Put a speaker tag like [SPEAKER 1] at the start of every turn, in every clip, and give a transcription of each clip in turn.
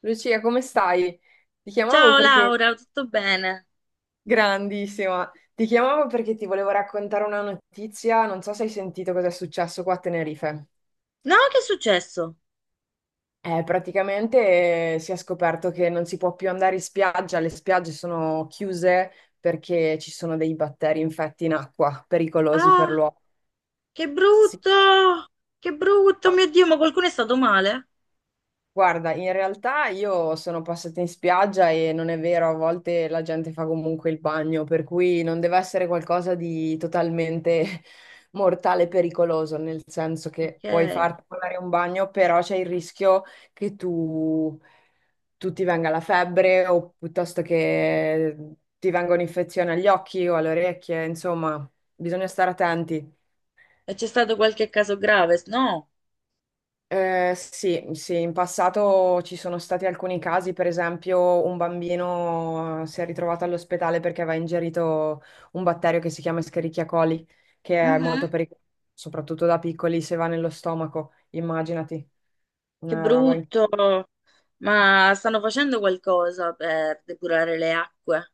[SPEAKER 1] Lucia, come stai? Ti chiamavo
[SPEAKER 2] Ciao
[SPEAKER 1] perché...
[SPEAKER 2] Laura, tutto bene?
[SPEAKER 1] Grandissima! Ti chiamavo perché ti volevo raccontare una notizia, non so se hai sentito cosa è successo qua a Tenerife.
[SPEAKER 2] No, che è successo?
[SPEAKER 1] Praticamente, si è scoperto che non si può più andare in spiaggia, le spiagge sono chiuse perché ci sono dei batteri infetti in acqua, pericolosi per
[SPEAKER 2] Ah,
[SPEAKER 1] l'uomo.
[SPEAKER 2] che
[SPEAKER 1] Sì.
[SPEAKER 2] brutto! Che brutto, mio Dio, ma qualcuno è stato male?
[SPEAKER 1] Guarda, in realtà io sono passata in spiaggia e non è vero, a volte la gente fa comunque il bagno, per cui non deve essere qualcosa di totalmente mortale e pericoloso, nel senso che
[SPEAKER 2] Ok.
[SPEAKER 1] puoi
[SPEAKER 2] E
[SPEAKER 1] farti fare un bagno, però c'è il rischio che tu ti venga la febbre o piuttosto che ti venga un'infezione agli occhi o alle orecchie, insomma, bisogna stare attenti.
[SPEAKER 2] c'è stato qualche caso grave? No.
[SPEAKER 1] Sì, sì, in passato ci sono stati alcuni casi, per esempio un bambino si è ritrovato all'ospedale perché aveva ingerito un batterio che si chiama Escherichia coli, che è molto
[SPEAKER 2] Mhm.
[SPEAKER 1] pericoloso, soprattutto da piccoli, se va nello stomaco, immaginati,
[SPEAKER 2] Che
[SPEAKER 1] una roba.
[SPEAKER 2] brutto. Ma stanno facendo qualcosa per depurare le acque?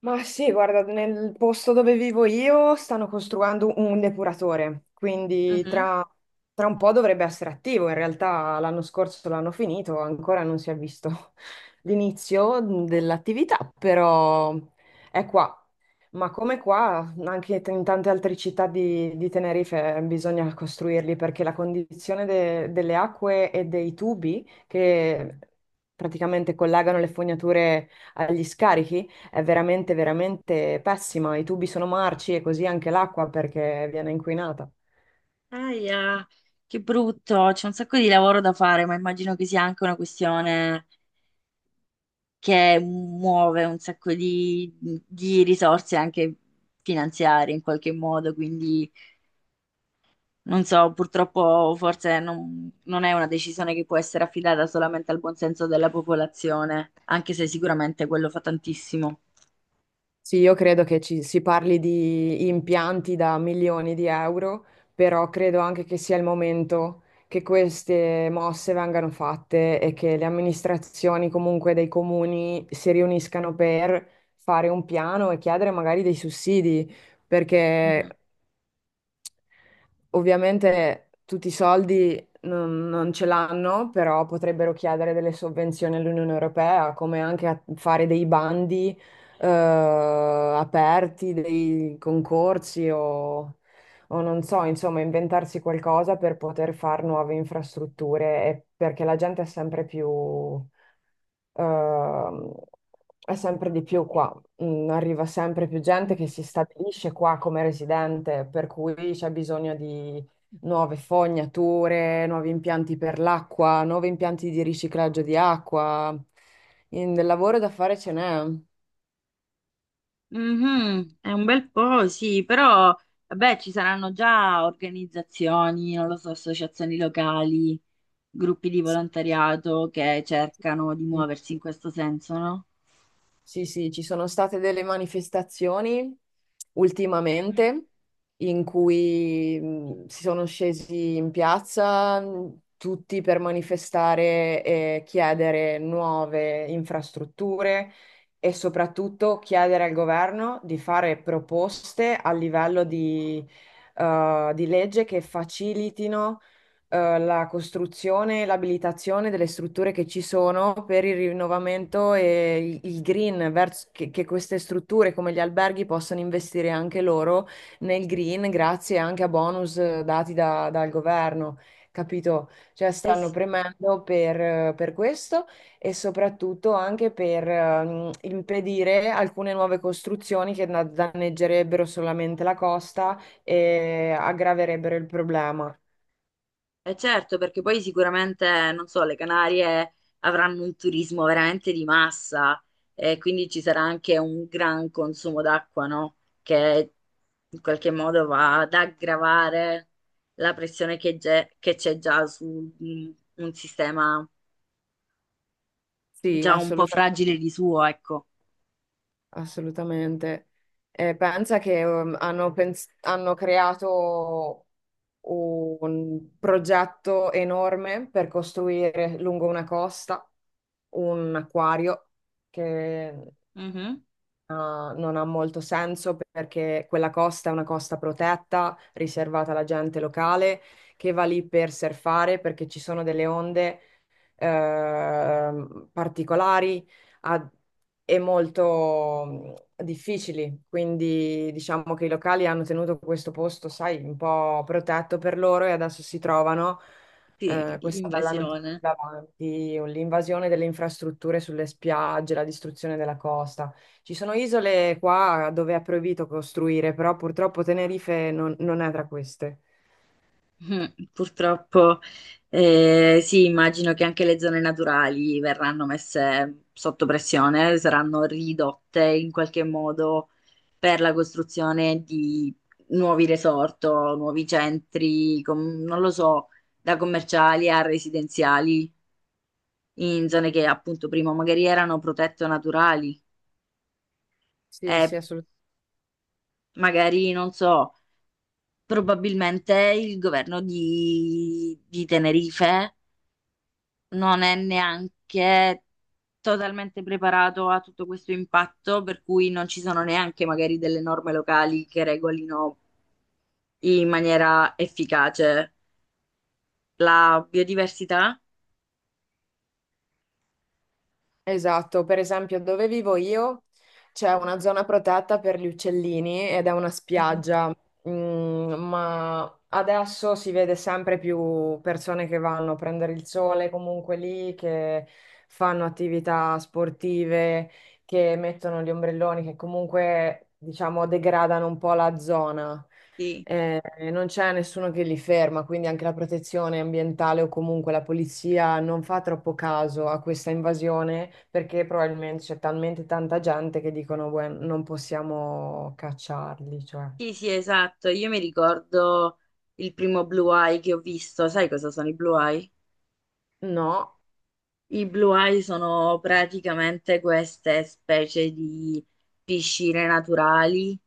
[SPEAKER 1] Ma sì, guarda, nel posto dove vivo io stanno costruendo un depuratore, quindi
[SPEAKER 2] Mhm.
[SPEAKER 1] tra un po' dovrebbe essere attivo. In realtà l'anno scorso l'hanno finito, ancora non si è visto l'inizio dell'attività, però è qua. Ma come qua, anche in tante altre città di Tenerife bisogna costruirli perché la condizione delle acque e dei tubi che praticamente collegano le fognature agli scarichi è veramente, veramente pessima. I tubi sono marci e così anche l'acqua perché viene inquinata.
[SPEAKER 2] Aia, che brutto. C'è un sacco di lavoro da fare, ma immagino che sia anche una questione che muove un sacco di risorse anche finanziarie in qualche modo, quindi non so, purtroppo forse non, non è una decisione che può essere affidata solamente al buonsenso della popolazione, anche se sicuramente quello fa tantissimo.
[SPEAKER 1] Sì, io credo che ci si parli di impianti da milioni di euro, però credo anche che sia il momento che queste mosse vengano fatte e che le amministrazioni comunque dei comuni si riuniscano per fare un piano e chiedere magari dei sussidi, perché ovviamente tutti i soldi non ce l'hanno, però potrebbero chiedere delle sovvenzioni all'Unione Europea, come anche a fare dei bandi aperti, dei concorsi o non so, insomma, inventarsi qualcosa per poter fare nuove infrastrutture, perché la gente è sempre più, ehm, è sempre di più qua, mm, arriva sempre più gente che
[SPEAKER 2] Mhm.
[SPEAKER 1] si stabilisce qua come residente, per cui c'è bisogno di nuove fognature, nuovi impianti per l'acqua, nuovi impianti di riciclaggio di acqua. Del lavoro da fare ce n'è.
[SPEAKER 2] Mhm, è un bel po', sì, però vabbè, ci saranno già organizzazioni, non lo so, associazioni locali, gruppi di volontariato che cercano di muoversi in questo senso, no?
[SPEAKER 1] Sì, sì, ci sono state delle manifestazioni ultimamente in cui si sono scesi in piazza tutti per manifestare e chiedere nuove infrastrutture e soprattutto chiedere al governo di fare proposte a livello di legge che facilitino la costruzione e l'abilitazione delle strutture che ci sono per il rinnovamento e il green, verso, che queste strutture come gli alberghi possano investire anche loro nel green grazie anche a bonus dati dal governo. Capito? Cioè stanno premendo per questo e soprattutto anche per impedire alcune nuove costruzioni che danneggerebbero solamente la costa e aggraverebbero il problema.
[SPEAKER 2] Eh certo, perché poi sicuramente, non so, le Canarie avranno un turismo veramente di massa e quindi ci sarà anche un gran consumo d'acqua, no? Che in qualche modo va ad aggravare la pressione che c'è già su mm, un sistema
[SPEAKER 1] Sì,
[SPEAKER 2] già un po' fragile di suo, ecco.
[SPEAKER 1] assolutamente. Pensa che hanno creato un progetto enorme per costruire lungo una costa un acquario che
[SPEAKER 2] Mhm.
[SPEAKER 1] ah, non ha molto senso perché quella costa è una costa protetta, riservata alla gente locale che va lì per surfare perché ci sono delle onde particolari a- e molto mm, difficili. Quindi diciamo che i locali hanno tenuto questo posto, sai, un po' protetto per loro e adesso si trovano
[SPEAKER 2] Sì,
[SPEAKER 1] questa bella notizia
[SPEAKER 2] invasione.
[SPEAKER 1] davanti, l'invasione delle infrastrutture sulle spiagge, la distruzione della costa. Ci sono isole qua dove è proibito costruire, però purtroppo Tenerife non è tra queste.
[SPEAKER 2] Mm, purtroppo, sì, immagino che anche le zone naturali verranno messe sotto pressione, saranno ridotte in qualche modo per la costruzione di nuovi resort o nuovi centri, non lo so, da commerciali a residenziali, in zone che appunto prima magari erano protette o naturali
[SPEAKER 1] Sì, sì,
[SPEAKER 2] e
[SPEAKER 1] assolutamente.
[SPEAKER 2] magari, non so, probabilmente il governo di Tenerife non è neanche totalmente preparato a tutto questo impatto, per cui non ci sono neanche magari delle norme locali che regolino in maniera efficace la biodiversità.
[SPEAKER 1] Esatto, per esempio dove vivo io c'è una zona protetta per gli uccellini ed è una
[SPEAKER 2] Mhm.
[SPEAKER 1] spiaggia, mm, ma adesso si vede sempre più persone che vanno a prendere il sole comunque lì, che fanno attività sportive, che mettono gli ombrelloni, che comunque diciamo degradano un po' la zona,
[SPEAKER 2] Sì,
[SPEAKER 1] eh, non c'è nessuno che li ferma, quindi anche la protezione ambientale o comunque la polizia non fa troppo caso a questa invasione perché probabilmente c'è talmente tanta gente che dicono, "Beh, non possiamo cacciarli, cioè."
[SPEAKER 2] sì, sì, esatto. Io mi ricordo il primo Blue Eye che ho visto. Sai cosa sono i Blue Eye?
[SPEAKER 1] No,
[SPEAKER 2] I blue eye sono praticamente queste specie di piscine naturali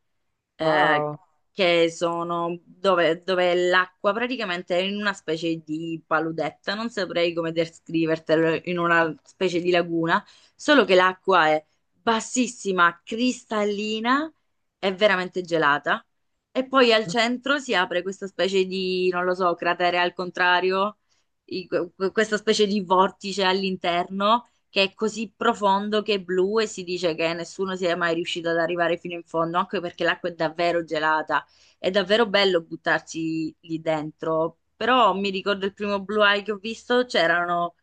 [SPEAKER 2] eh,
[SPEAKER 1] wow,
[SPEAKER 2] che sono dove, dove l'acqua praticamente è in una specie di paludetta, non saprei come descrivertelo, in una specie di laguna, solo che l'acqua è bassissima, cristallina e veramente gelata. E poi al centro si apre questa specie di, non lo so, cratere al contrario questa specie di vortice all'interno che è così profondo che è blu e si dice che nessuno sia mai riuscito ad arrivare fino in fondo, anche perché l'acqua è davvero gelata. È davvero bello buttarsi lì dentro. Però mi ricordo il primo Blue Eye che ho visto, c'erano.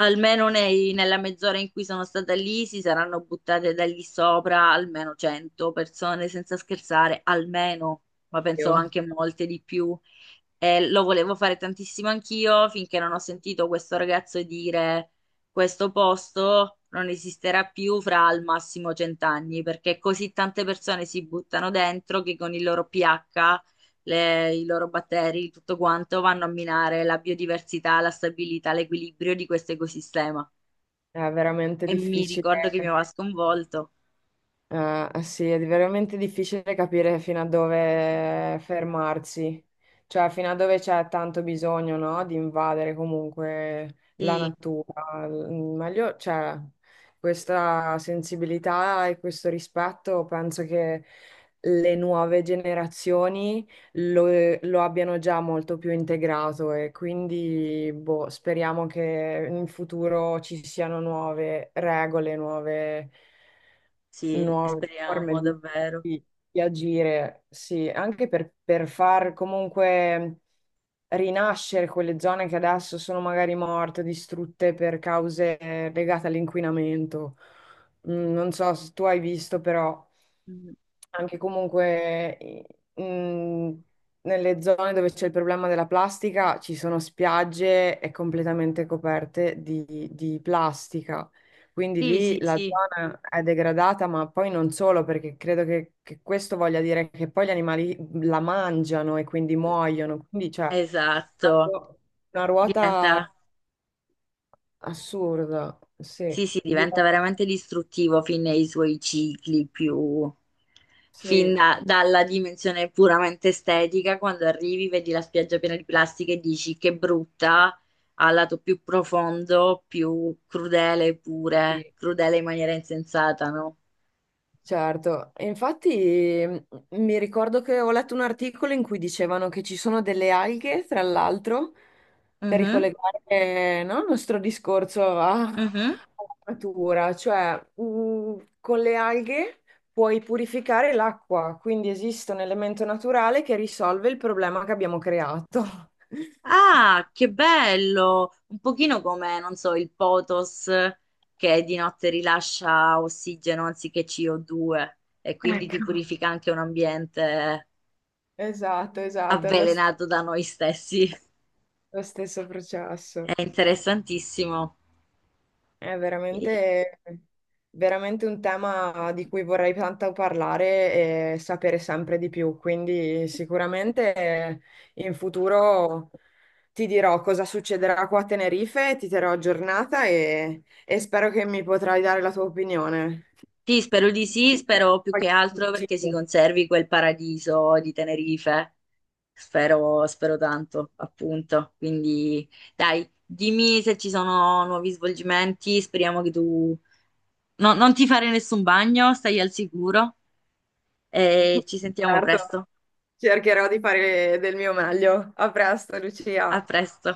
[SPEAKER 2] Nella mezz'ora in cui sono stata lì si saranno buttate da lì sopra almeno 100 persone, senza scherzare, almeno, ma penso
[SPEAKER 1] Dio,
[SPEAKER 2] anche molte di più. E lo volevo fare tantissimo anch'io finché non ho sentito questo ragazzo dire questo posto non esisterà più fra al massimo cent'anni, perché così tante persone si buttano dentro che con il loro pH i loro batteri, tutto quanto, vanno a minare la biodiversità, la stabilità, l'equilibrio di questo ecosistema.
[SPEAKER 1] è veramente
[SPEAKER 2] E mi
[SPEAKER 1] difficile.
[SPEAKER 2] ricordo che mi aveva sconvolto.
[SPEAKER 1] Sì, è veramente difficile capire fino a dove fermarsi, cioè fino a dove c'è tanto bisogno, no, di invadere comunque la
[SPEAKER 2] Sì,
[SPEAKER 1] natura. Mm, meglio, cioè, questa sensibilità e questo rispetto penso che le nuove generazioni lo abbiano già molto più integrato e quindi boh, speriamo che in futuro ci siano nuove regole,
[SPEAKER 2] sì,
[SPEAKER 1] nuove forme
[SPEAKER 2] speriamo davvero.
[SPEAKER 1] di- di agire, sì, anche per far comunque rinascere quelle zone che adesso sono magari morte, distrutte per cause legate all'inquinamento. Mm, non so se tu hai visto, però
[SPEAKER 2] Mm.
[SPEAKER 1] anche comunque mh, nelle zone dove c'è il problema della plastica ci sono spiagge e completamente coperte di plastica. Quindi
[SPEAKER 2] Sì,
[SPEAKER 1] lì
[SPEAKER 2] sì,
[SPEAKER 1] la
[SPEAKER 2] sì,
[SPEAKER 1] zona è degradata, ma poi non solo, perché credo che questo voglia dire che poi gli animali la mangiano e quindi muoiono. Quindi c'è una
[SPEAKER 2] esatto.
[SPEAKER 1] ruo- una ruota
[SPEAKER 2] Diventa.
[SPEAKER 1] assurda. Sì,
[SPEAKER 2] Sì, sì,
[SPEAKER 1] Di-
[SPEAKER 2] diventa veramente distruttivo fin nei suoi cicli più...
[SPEAKER 1] sì,
[SPEAKER 2] Dalla dimensione puramente estetica, quando arrivi, vedi la spiaggia piena di plastica e dici che brutta, al lato più profondo, più crudele pure,
[SPEAKER 1] sì.
[SPEAKER 2] crudele in maniera insensata, no?
[SPEAKER 1] Certo, e infatti mm, mi ricordo che ho letto un articolo in cui dicevano che ci sono delle alghe, tra l'altro, per
[SPEAKER 2] Mhm,
[SPEAKER 1] ricollegare, no, il nostro discorso alla
[SPEAKER 2] mhm.
[SPEAKER 1] natura, cioè mm, con le alghe puoi purificare l'acqua, quindi esiste un elemento naturale che risolve il problema che abbiamo creato.
[SPEAKER 2] Ah, che bello! Un pochino come, non so, il Potos che di notte rilascia ossigeno anziché CO2 e quindi ti
[SPEAKER 1] Ecco.
[SPEAKER 2] purifica anche un ambiente
[SPEAKER 1] Esatto, esatto,
[SPEAKER 2] avvelenato da noi stessi.
[SPEAKER 1] lo stesso processo.
[SPEAKER 2] È interessantissimo.
[SPEAKER 1] È veramente, veramente un tema di cui vorrei tanto parlare e sapere sempre di più, quindi sicuramente in futuro ti dirò cosa succederà qua a Tenerife, ti terrò aggiornata e spero che mi potrai dare la tua opinione.
[SPEAKER 2] Sì, spero di sì, spero più che
[SPEAKER 1] Qualche
[SPEAKER 2] altro perché si
[SPEAKER 1] consiglio.
[SPEAKER 2] conservi quel paradiso di Tenerife. Spero, spero tanto, appunto. Quindi, dai, dimmi se ci sono nuovi svolgimenti. Speriamo che tu non ti fare nessun bagno, stai al sicuro e ci sentiamo
[SPEAKER 1] Certo,
[SPEAKER 2] presto.
[SPEAKER 1] cercherò di fare del mio meglio. A presto,
[SPEAKER 2] A
[SPEAKER 1] Lucia.
[SPEAKER 2] presto.